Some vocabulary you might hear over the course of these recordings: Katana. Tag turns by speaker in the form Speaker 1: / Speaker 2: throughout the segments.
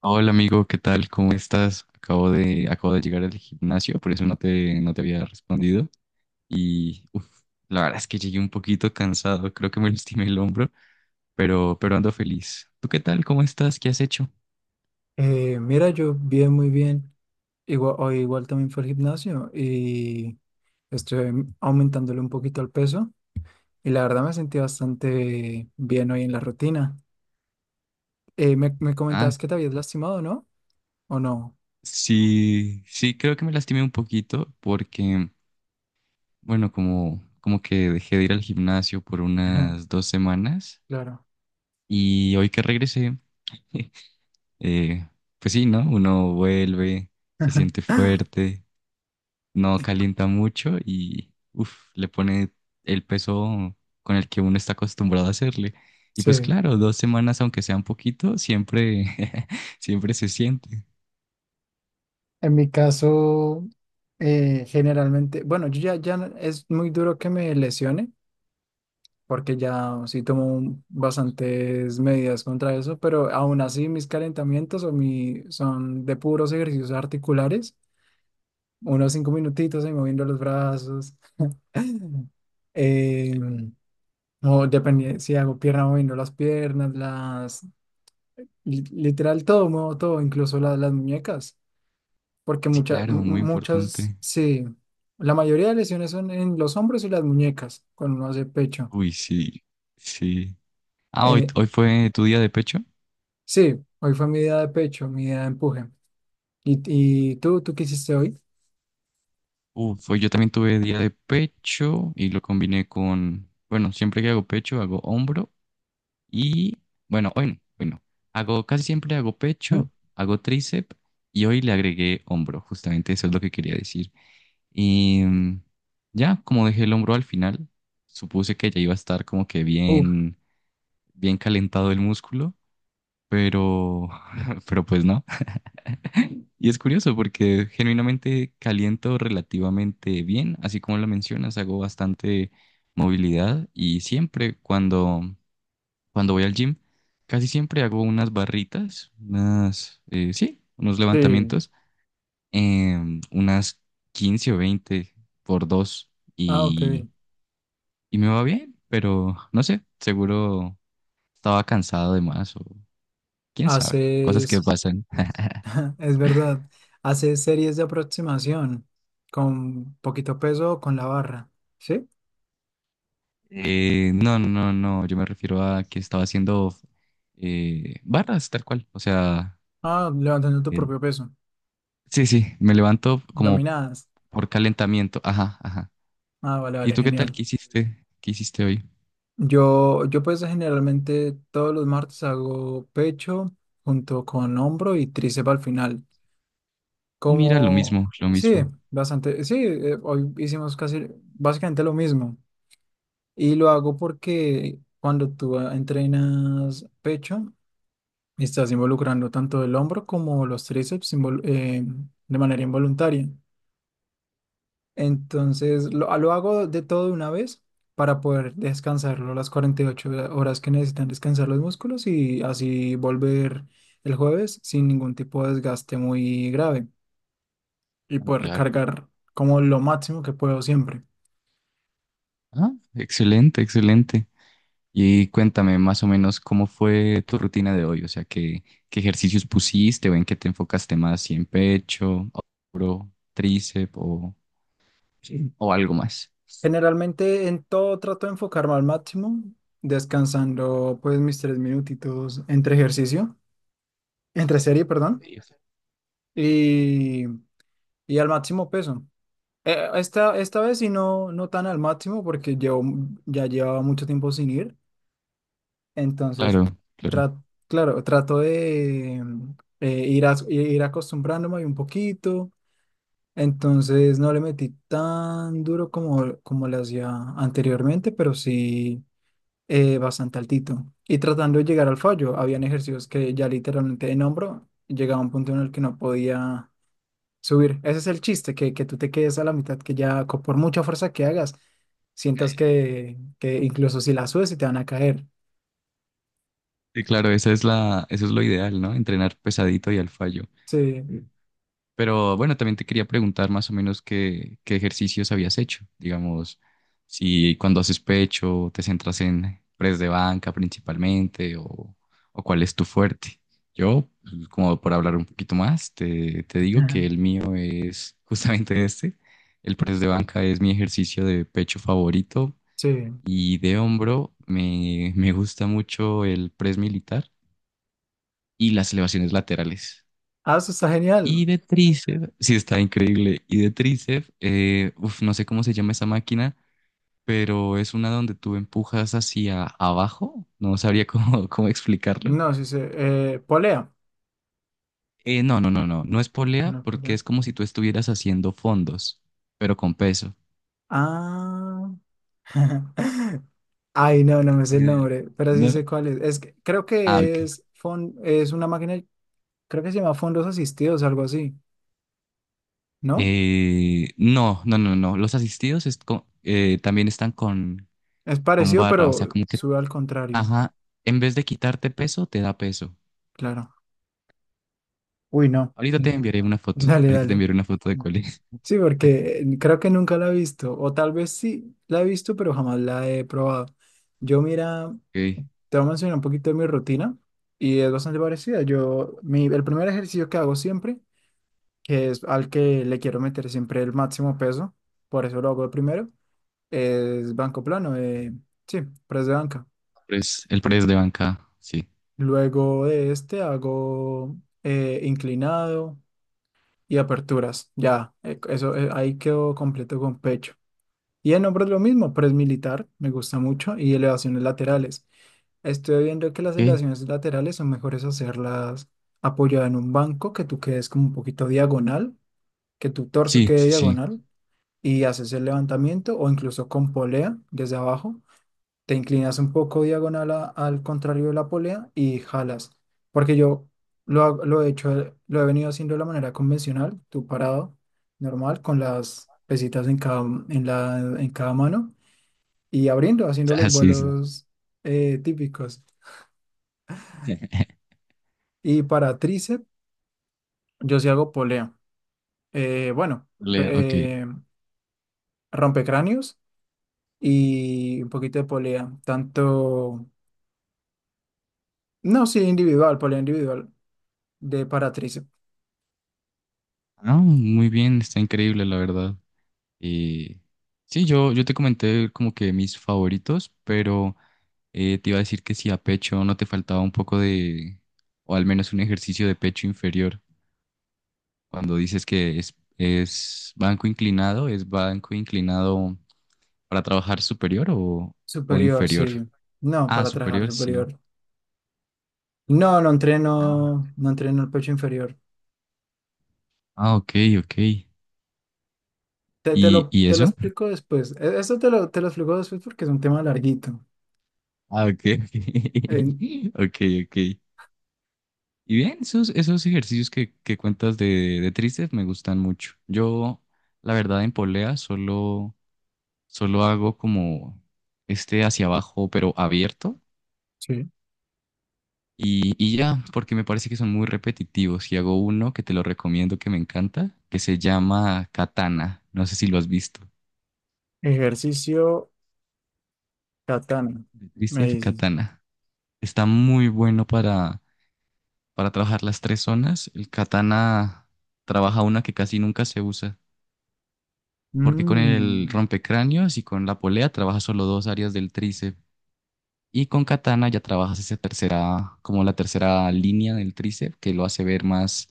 Speaker 1: Hola amigo, ¿qué tal? ¿Cómo estás? Acabo de llegar al gimnasio, por eso no te había respondido. Y uf, la verdad es que llegué un poquito cansado, creo que me lastimé el hombro, pero ando feliz. ¿Tú qué tal? ¿Cómo estás? ¿Qué has hecho?
Speaker 2: Mira, yo bien, muy bien. Igual, hoy igual también fue al gimnasio y estoy aumentándole un poquito el peso y la verdad me sentí bastante bien hoy en la rutina. Me
Speaker 1: Ah,
Speaker 2: comentabas que te habías lastimado, ¿no? ¿O no?
Speaker 1: sí, sí, creo que me lastimé un poquito porque, bueno, como que dejé de ir al gimnasio por
Speaker 2: Ajá.
Speaker 1: unas dos semanas
Speaker 2: Claro.
Speaker 1: y hoy que regresé, eh, pues sí, ¿no? Uno vuelve, se siente fuerte, no calienta mucho y uf, le pone el peso con el que uno está acostumbrado a hacerle. Y pues
Speaker 2: Sí.
Speaker 1: claro, dos semanas, aunque sea un poquito, siempre, siempre se siente.
Speaker 2: En mi caso, generalmente, bueno, ya es muy duro que me lesione, porque ya sí tomo bastantes medidas contra eso, pero aún así mis calentamientos o mi, son de puros ejercicios articulares, unos 5 minutitos ahí moviendo los brazos, eh, o depende si hago pierna moviendo las piernas, las, literal todo, muevo todo, incluso las muñecas, porque
Speaker 1: Sí, claro, muy importante.
Speaker 2: sí, la mayoría de lesiones son en los hombros y las muñecas, cuando uno hace pecho.
Speaker 1: Uy, sí, sí. Ah,
Speaker 2: eh,
Speaker 1: hoy fue tu día de pecho.
Speaker 2: Sí, hoy fue mi día de pecho, mi día de empuje. ¿Y, y tú qué hiciste hoy?
Speaker 1: Uf, hoy yo también tuve día de pecho y lo combiné con, bueno, siempre que hago pecho, hago hombro. Y bueno, hoy no, hoy no. Hago, casi siempre hago pecho, hago tríceps y hoy le agregué hombro. Justamente eso es lo que quería decir. Y ya, como dejé el hombro al final, supuse que ya iba a estar como que
Speaker 2: Uf,
Speaker 1: bien, bien calentado el músculo, pero, pero pues no. Y es curioso porque genuinamente caliento relativamente bien, así como lo mencionas, hago bastante movilidad y siempre cuando voy al gym, casi siempre hago unas barritas, unas, sí, unos
Speaker 2: sí.
Speaker 1: levantamientos, unas 15 o 20 por dos
Speaker 2: Ah, ok.
Speaker 1: y me va bien, pero no sé, seguro estaba cansado de más o quién sabe, cosas que
Speaker 2: Haces,
Speaker 1: pasan.
Speaker 2: es verdad, haces series de aproximación con poquito peso o con la barra, ¿sí?
Speaker 1: No, no, no, no, yo me refiero a que estaba haciendo barras tal cual, o sea,
Speaker 2: Ah, levantando tu
Speaker 1: el-
Speaker 2: propio peso,
Speaker 1: sí, sí, me levanto como
Speaker 2: dominadas.
Speaker 1: por calentamiento, ajá, ajá.
Speaker 2: Ah, vale,
Speaker 1: ¿Y
Speaker 2: vale,
Speaker 1: tú qué tal?
Speaker 2: genial.
Speaker 1: ¿Qué hiciste? ¿Qué hiciste hoy?
Speaker 2: Yo pues generalmente todos los martes hago pecho junto con hombro y tríceps al final.
Speaker 1: Mira, lo
Speaker 2: Como,
Speaker 1: mismo, lo
Speaker 2: sí,
Speaker 1: mismo.
Speaker 2: bastante, sí, hoy hicimos casi básicamente lo mismo. Y lo hago porque cuando tú entrenas pecho, estás involucrando tanto el hombro como los tríceps de manera involuntaria. Entonces, lo hago de todo de una vez para poder descansarlo las 48 horas que necesitan descansar los músculos y así volver el jueves sin ningún tipo de desgaste muy grave, y
Speaker 1: Ah,
Speaker 2: poder
Speaker 1: claro.
Speaker 2: cargar como lo máximo que puedo siempre.
Speaker 1: Ah, excelente, excelente. Y cuéntame más o menos cómo fue tu rutina de hoy, o sea, qué ejercicios pusiste o en qué te enfocaste más, si en pecho, hombro, tríceps o, sí, o algo más.
Speaker 2: Generalmente en todo trato de enfocarme al máximo, descansando pues mis 3 minutitos entre ejercicio, entre serie, perdón,
Speaker 1: Sí, o sea,
Speaker 2: y, y al máximo peso. Esta vez sí no, no tan al máximo porque llevo, ya llevaba mucho tiempo sin ir, entonces
Speaker 1: claro, claro.
Speaker 2: tra- claro, trato de ir, ir acostumbrándome un poquito. Entonces no le metí tan duro como, como le hacía anteriormente, pero sí bastante altito. Y tratando de llegar al fallo, habían ejercicios que ya literalmente en hombro llegaba a un punto en el que no podía subir. Ese es el chiste, que tú te quedes a la mitad, que ya por mucha fuerza que hagas, sientas que incluso si la subes se te van a caer.
Speaker 1: Sí, claro, esa es la, eso es lo ideal, ¿no? Entrenar pesadito y al fallo.
Speaker 2: Sí.
Speaker 1: Pero bueno, también te quería preguntar más o menos qué ejercicios habías hecho. Digamos, si cuando haces pecho te centras en press de banca principalmente o cuál es tu fuerte. Yo, pues, como por hablar un poquito más, te digo
Speaker 2: Ajá.
Speaker 1: que el mío es justamente este. El press de banca es mi ejercicio de pecho favorito
Speaker 2: Sí.
Speaker 1: y de hombro me gusta mucho el press militar y las elevaciones laterales.
Speaker 2: Ah, eso está
Speaker 1: Y
Speaker 2: genial.
Speaker 1: de tríceps, sí está increíble. Y de tríceps, uf, no sé cómo se llama esa máquina, pero es una donde tú empujas hacia abajo. No sabría cómo, cómo explicarlo.
Speaker 2: No, sí, sí. Polea.
Speaker 1: No, no, no, no. No es polea
Speaker 2: No,
Speaker 1: porque
Speaker 2: polea.
Speaker 1: es como si tú estuvieras haciendo fondos, pero con peso.
Speaker 2: Ah. Ay, no, no me sé
Speaker 1: Ni
Speaker 2: el
Speaker 1: idea.
Speaker 2: nombre, pero sí
Speaker 1: No.
Speaker 2: sé cuál es. Es que creo
Speaker 1: Ah,
Speaker 2: que
Speaker 1: ok.
Speaker 2: es, es una máquina, creo que se llama fondos asistidos, algo así, ¿no?
Speaker 1: No, no, no, no. Los asistidos también están
Speaker 2: Es
Speaker 1: con
Speaker 2: parecido,
Speaker 1: barra, o sea,
Speaker 2: pero
Speaker 1: como que,
Speaker 2: sube al contrario,
Speaker 1: ajá, en vez de quitarte peso, te da peso.
Speaker 2: claro. Uy, no.
Speaker 1: Ahorita
Speaker 2: Mm.
Speaker 1: te enviaré una foto.
Speaker 2: Dale,
Speaker 1: Ahorita te
Speaker 2: dale.
Speaker 1: enviaré una foto de cuál es.
Speaker 2: Sí, porque creo que nunca la he visto, o tal vez sí la he visto, pero jamás la he probado. Yo, mira,
Speaker 1: Ok.
Speaker 2: te voy a mencionar un poquito de mi rutina y es bastante parecida. El primer ejercicio que hago siempre, que es al que le quiero meter siempre el máximo peso, por eso lo hago de primero, es banco plano, sí, press de banca.
Speaker 1: Pues, el press de banca. Sí.
Speaker 2: Luego de este hago inclinado y aperturas, ya, eso ahí quedo completo con pecho. Y en hombros lo mismo, press militar, me gusta mucho, y elevaciones laterales. Estoy viendo que las
Speaker 1: Ok.
Speaker 2: elevaciones laterales son mejores hacerlas apoyada en un banco, que tú quedes como un poquito diagonal, que tu torso
Speaker 1: Sí,
Speaker 2: quede
Speaker 1: sí, sí.
Speaker 2: diagonal y haces el levantamiento o incluso con polea desde abajo. Te inclinas un poco diagonal al contrario de la polea y jalas. Porque yo lo he hecho, lo he venido haciendo de la manera convencional, tú parado, normal, con las pesitas en cada, en la, en cada mano y abriendo, haciendo
Speaker 1: Ah,
Speaker 2: los
Speaker 1: sí, sí.
Speaker 2: vuelos típicos. Y para tríceps, yo sí hago polea. Eh, bueno, pe-
Speaker 1: Lea, ok.
Speaker 2: eh, Rompecráneos y un poquito de polea, tanto. No, sí, individual, polea individual. De para tríceps
Speaker 1: Ah, muy bien. Está increíble, la verdad. Y sí, yo te comenté como que mis favoritos, pero te iba a decir que si a pecho no te faltaba un poco de, o al menos un ejercicio de pecho inferior. Cuando dices que ¿es banco inclinado para trabajar superior o
Speaker 2: superior,
Speaker 1: inferior?
Speaker 2: sí. No,
Speaker 1: Ah,
Speaker 2: para trabajar
Speaker 1: superior, sí.
Speaker 2: superior. No, no
Speaker 1: Ah,
Speaker 2: entreno, no entreno el pecho inferior.
Speaker 1: ah, ok, ok.
Speaker 2: Te, te lo,
Speaker 1: Y
Speaker 2: te lo
Speaker 1: eso?
Speaker 2: explico después. Eso te lo explico después porque es un tema larguito.
Speaker 1: Ah, ok, ok.
Speaker 2: En-
Speaker 1: Ok, ok. Y bien, esos, esos ejercicios que cuentas de tristes me gustan mucho. Yo, la verdad, en polea solo, solo hago como este hacia abajo, pero abierto.
Speaker 2: sí.
Speaker 1: Y ya, porque me parece que son muy repetitivos. Y hago uno que te lo recomiendo, que me encanta, que se llama Katana. No sé si lo has visto.
Speaker 2: Ejercicio katana,
Speaker 1: De
Speaker 2: me
Speaker 1: tríceps
Speaker 2: dices.
Speaker 1: Katana. Está muy bueno para trabajar las tres zonas. El katana trabaja una que casi nunca se usa, porque con el
Speaker 2: Mm.
Speaker 1: rompecráneos y con la polea trabaja solo dos áreas del tríceps. Y con katana ya trabajas esa tercera, como la tercera línea del tríceps, que lo hace ver más,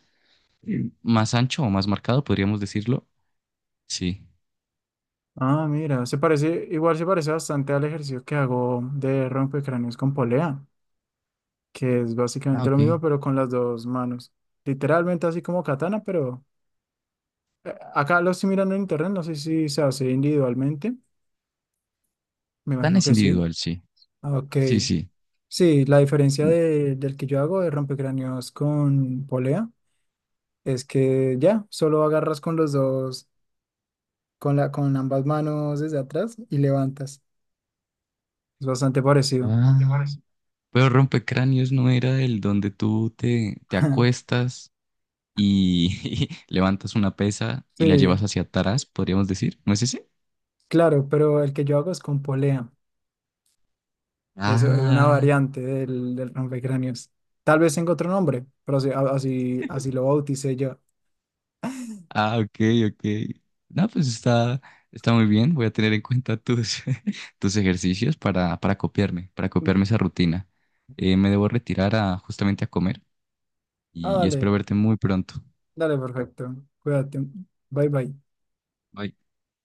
Speaker 1: sí, más ancho o más marcado, podríamos decirlo. Sí.
Speaker 2: Ah, mira, se parece, igual se parece bastante al ejercicio que hago de rompecráneos con polea, que es
Speaker 1: Ah,
Speaker 2: básicamente lo
Speaker 1: ok.
Speaker 2: mismo, pero con las dos manos. Literalmente así como katana, pero acá lo estoy mirando en internet, no sé si se hace individualmente, me
Speaker 1: Katana
Speaker 2: imagino
Speaker 1: es
Speaker 2: que sí.
Speaker 1: individual, sí.
Speaker 2: Ah, ok,
Speaker 1: Sí, sí.
Speaker 2: sí, la diferencia del que yo hago de rompecráneos con polea es que ya, solo agarras con los dos, con ambas manos desde atrás y levantas. Es bastante parecido.
Speaker 1: Ah. Pero rompecráneos no era el donde tú te, te acuestas y levantas una pesa y la
Speaker 2: Sí,
Speaker 1: llevas hacia atrás, podríamos decir. ¿No es ese?
Speaker 2: claro, pero el que yo hago es con polea. Eso es una
Speaker 1: Ah,
Speaker 2: variante del rompecráneos. Tal vez tenga otro nombre, pero así, así, así lo bauticé yo.
Speaker 1: ah, ok, ok. No, pues está, está muy bien. Voy a tener en cuenta tus, tus ejercicios para
Speaker 2: Mm.
Speaker 1: copiarme esa rutina. Me debo retirar a, justamente a comer y
Speaker 2: Ah, dale.
Speaker 1: espero verte muy pronto.
Speaker 2: Dale, perfecto. Cuídate. Bye bye.
Speaker 1: Bye.